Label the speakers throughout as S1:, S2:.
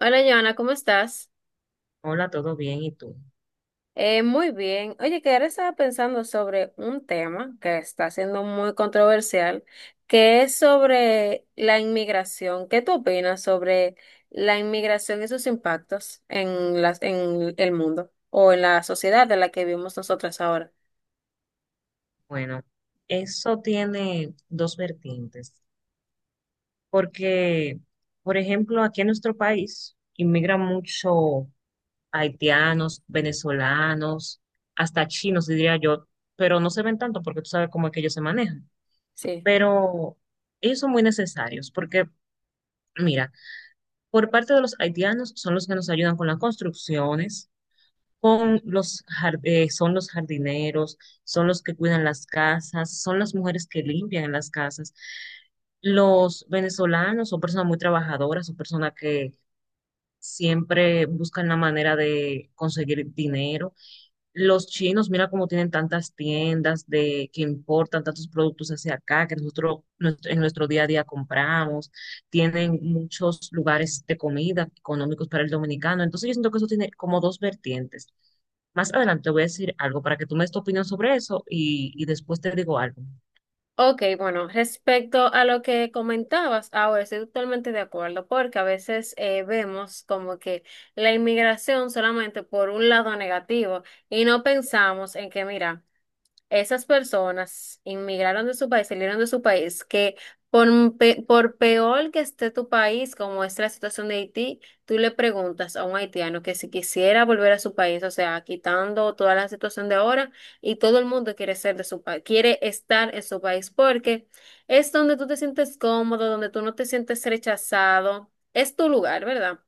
S1: Hola, Joana, ¿cómo estás?
S2: Hola, ¿todo bien? ¿Y tú?
S1: Muy bien. Oye, que ahora estaba pensando sobre un tema que está siendo muy controversial, que es sobre la inmigración. ¿Qué tú opinas sobre la inmigración y sus impactos en en el mundo o en la sociedad de la que vivimos nosotras ahora?
S2: Bueno, eso tiene dos vertientes, porque, por ejemplo, aquí en nuestro país inmigran mucho haitianos, venezolanos, hasta chinos, diría yo, pero no se ven tanto porque tú sabes cómo es que ellos se manejan.
S1: Sí.
S2: Pero ellos son muy necesarios, porque, mira, por parte de los haitianos son los que nos ayudan con las construcciones con los, son los jardineros, son los que cuidan las casas, son las mujeres que limpian las casas. Los venezolanos son personas muy trabajadoras, son personas que siempre buscan la manera de conseguir dinero. Los chinos, mira cómo tienen tantas tiendas de que importan tantos productos hacia acá que nosotros en nuestro día a día compramos. Tienen muchos lugares de comida económicos para el dominicano. Entonces yo siento que eso tiene como dos vertientes. Más adelante te voy a decir algo para que tú me des tu opinión sobre eso y después te digo algo.
S1: Ok, bueno, respecto a lo que comentabas, ahora estoy totalmente de acuerdo, porque a veces vemos como que la inmigración solamente por un lado negativo y no pensamos en que, mira, esas personas inmigraron de su país, salieron de su país, que por, por peor que esté tu país, como es la situación de Haití, tú le preguntas a un haitiano que si quisiera volver a su país, o sea, quitando toda la situación de ahora, y todo el mundo quiere ser de su país, quiere estar en su país, porque es donde tú te sientes cómodo, donde tú no te sientes rechazado, es tu lugar, ¿verdad?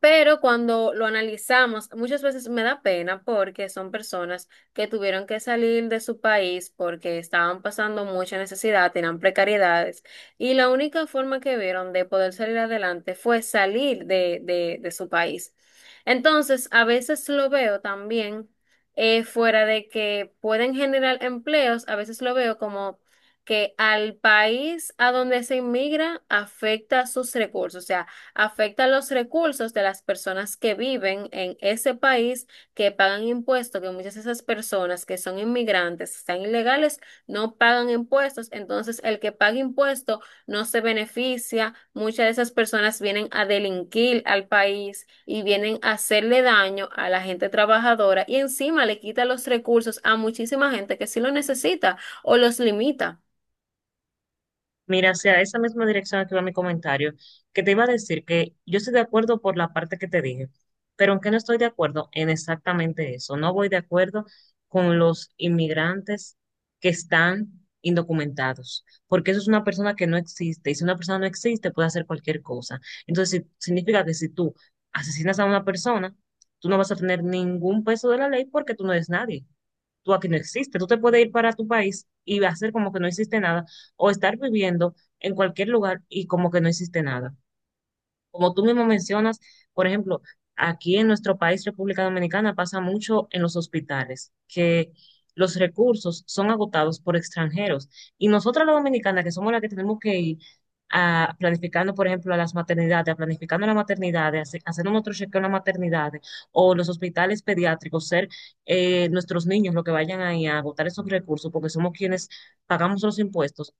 S1: Pero cuando lo analizamos, muchas veces me da pena porque son personas que tuvieron que salir de su país porque estaban pasando mucha necesidad, tenían precariedades, y la única forma que vieron de poder salir adelante fue salir de su país. Entonces, a veces lo veo también fuera de que pueden generar empleos, a veces lo veo como que al país a donde se inmigra afecta sus recursos, o sea, afecta los recursos de las personas que viven en ese país, que pagan impuestos, que muchas de esas personas que son inmigrantes, están ilegales, no pagan impuestos, entonces el que paga impuestos no se beneficia, muchas de esas personas vienen a delinquir al país y vienen a hacerle daño a la gente trabajadora y encima le quita los recursos a muchísima gente que sí lo necesita o los limita.
S2: Mira, o sea, esa misma dirección a que va mi comentario, que te iba a decir que yo estoy de acuerdo por la parte que te dije, pero aunque no estoy de acuerdo en exactamente eso, no voy de acuerdo con los inmigrantes que están indocumentados, porque eso es una persona que no existe, y si una persona no existe puede hacer cualquier cosa. Entonces, significa que si tú asesinas a una persona, tú no vas a tener ningún peso de la ley porque tú no eres nadie, tú aquí no existes. Tú te puedes ir para tu país y hacer como que no existe nada o estar viviendo en cualquier lugar y como que no existe nada. Como tú mismo mencionas, por ejemplo, aquí en nuestro país, República Dominicana, pasa mucho en los hospitales, que los recursos son agotados por extranjeros. Y nosotros los dominicanas, que somos las que tenemos que ir a planificando, por ejemplo, a las maternidades, a planificando las maternidades, haciendo nuestro chequeo en las maternidades, o los hospitales pediátricos, ser nuestros niños los que vayan ahí a agotar esos recursos, porque somos quienes pagamos los impuestos.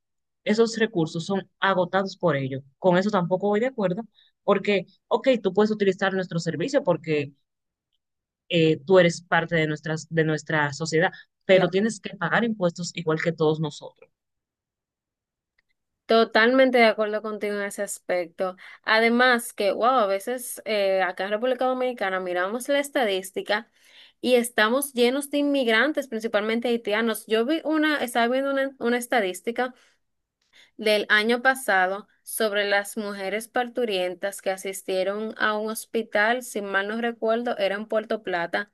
S2: Esos recursos son agotados por ellos. Con eso tampoco voy de acuerdo porque, ok, tú puedes utilizar nuestro servicio porque tú eres parte de, nuestras, de nuestra sociedad, pero tienes que pagar impuestos igual que todos nosotros.
S1: Totalmente de acuerdo contigo en ese aspecto. Además que, wow, a veces acá en República Dominicana miramos la estadística y estamos llenos de inmigrantes, principalmente haitianos. Yo estaba viendo una estadística del año pasado sobre las mujeres parturientas que asistieron a un hospital, si mal no recuerdo, era en Puerto Plata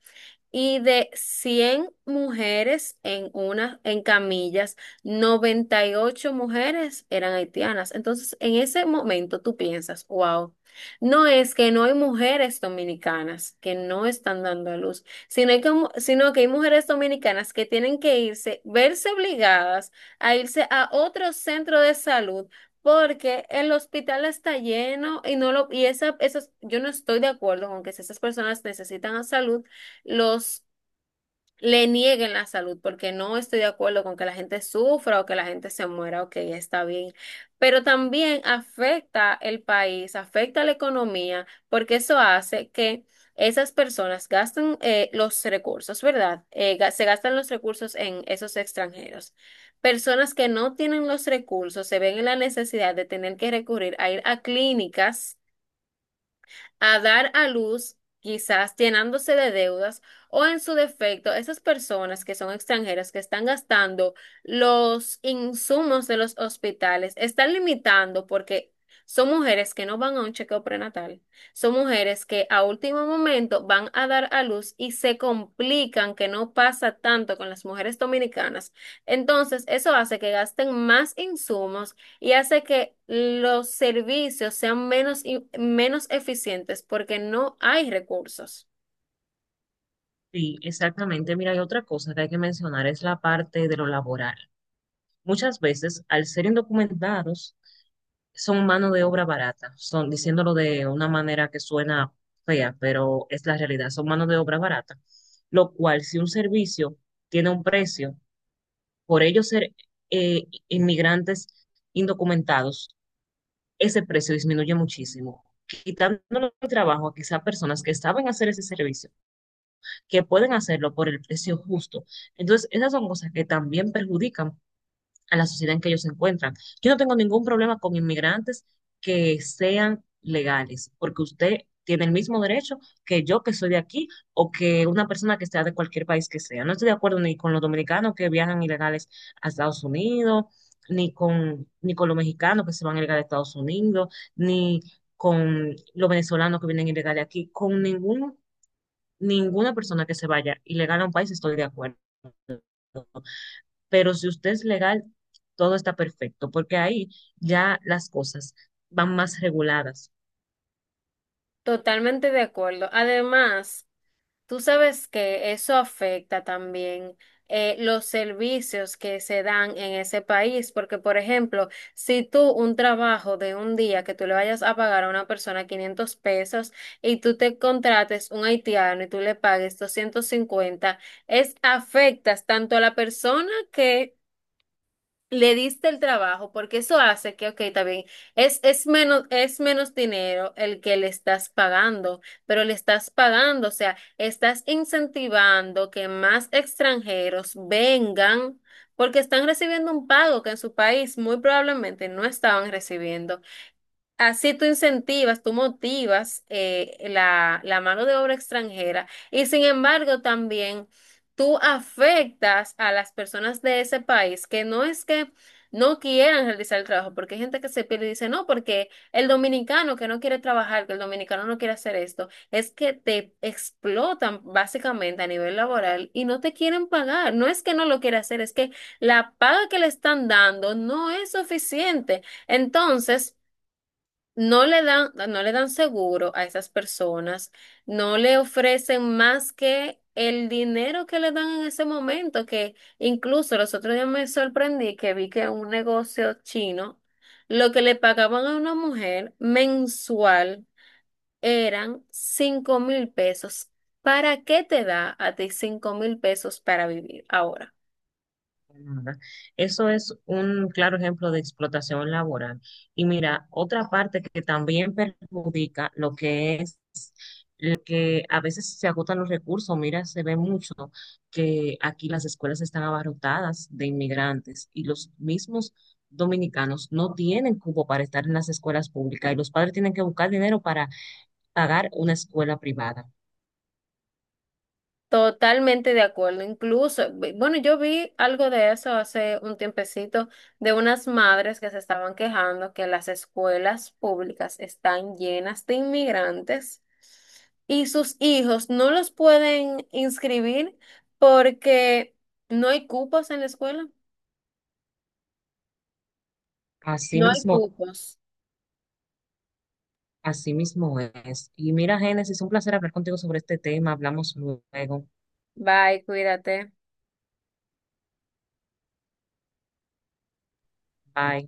S1: y de 100 mujeres en camillas, 98 mujeres eran haitianas. Entonces, en ese momento tú piensas, wow, no es que no hay mujeres dominicanas que no están dando a luz, sino que hay mujeres dominicanas que tienen que irse, verse obligadas a irse a otro centro de salud. Porque el hospital está lleno y no lo, y esa, esas, yo no estoy de acuerdo con que si esas personas necesitan a salud, los le nieguen la salud, porque no estoy de acuerdo con que la gente sufra o que la gente se muera, ok, está bien, pero también afecta el país, afecta la economía, porque eso hace que esas personas gasten los recursos, ¿verdad? Se gastan los recursos en esos extranjeros. Personas que no tienen los recursos se ven en la necesidad de tener que recurrir a ir a clínicas a dar a luz, quizás llenándose de deudas, o en su defecto, esas personas que son extranjeras, que están gastando los insumos de los hospitales, están limitando porque son mujeres que no van a un chequeo prenatal, son mujeres que a último momento van a dar a luz y se complican, que no pasa tanto con las mujeres dominicanas. Entonces, eso hace que gasten más insumos y hace que los servicios sean menos eficientes porque no hay recursos.
S2: Sí, exactamente. Mira, hay otra cosa que hay que mencionar, es la parte de lo laboral. Muchas veces, al ser indocumentados, son mano de obra barata, son diciéndolo de una manera que suena fea, pero es la realidad, son mano de obra barata, lo cual si un servicio tiene un precio por ellos ser inmigrantes indocumentados, ese precio disminuye muchísimo, quitándole el trabajo a quizá personas que saben hacer ese servicio, que pueden hacerlo por el precio justo. Entonces, esas son cosas que también perjudican a la sociedad en que ellos se encuentran. Yo no tengo ningún problema con inmigrantes que sean legales, porque usted tiene el mismo derecho que yo que soy de aquí o que una persona que sea de cualquier país que sea. No estoy de acuerdo ni con los dominicanos que viajan ilegales a Estados Unidos, ni con los mexicanos que se van ilegales a Estados Unidos, ni con los venezolanos que vienen ilegales aquí, con ninguna persona que se vaya ilegal a un país estoy de acuerdo, pero si usted es legal, todo está perfecto, porque ahí ya las cosas van más reguladas.
S1: Totalmente de acuerdo. Además, tú sabes que eso afecta también los servicios que se dan en ese país, porque, por ejemplo, si tú un trabajo de un día que tú le vayas a pagar a una persona 500 pesos y tú te contrates un haitiano y tú le pagues 250 es afectas tanto a la persona que le diste el trabajo, porque eso hace que, ok, está bien, es menos dinero el que le estás pagando, pero le estás pagando, o sea, estás incentivando que más extranjeros vengan porque están recibiendo un pago que en su país muy probablemente no estaban recibiendo. Así tú incentivas, tú motivas la mano de obra extranjera y sin embargo también tú afectas a las personas de ese país que no es que no quieran realizar el trabajo, porque hay gente que se pierde y dice, no, porque el dominicano que no quiere trabajar, que el dominicano no quiere hacer esto, es que te explotan básicamente a nivel laboral y no te quieren pagar. No es que no lo quiera hacer, es que la paga que le están dando no es suficiente. Entonces... No le dan seguro a esas personas, no le ofrecen más que el dinero que le dan en ese momento, que incluso los otros días me sorprendí que vi que un negocio chino, lo que le pagaban a una mujer mensual eran 5000 pesos. ¿Para qué te da a ti 5000 pesos para vivir ahora?
S2: Ajá. Eso es un claro ejemplo de explotación laboral. Y mira, otra parte que también perjudica lo que es la inmigración, educación. La educación se ve muy perjudicada porque a veces se agotan los recursos. Mira, se ve mucho que aquí las escuelas están abarrotadas de inmigrantes y los mismos dominicanos no tienen cupo para estar en las escuelas públicas y los padres tienen que buscar dinero para pagar una escuela privada.
S1: Totalmente de acuerdo. Incluso, bueno, yo vi algo de eso hace un tiempecito de unas madres que se estaban quejando que las escuelas públicas están llenas de inmigrantes y sus hijos no los pueden inscribir porque no hay cupos en la escuela.
S2: Así
S1: No hay
S2: mismo,
S1: cupos.
S2: así mismo es. Y mira, Génesis, un placer hablar contigo sobre este tema. Hablamos luego.
S1: Bye, cuídate.
S2: Bye.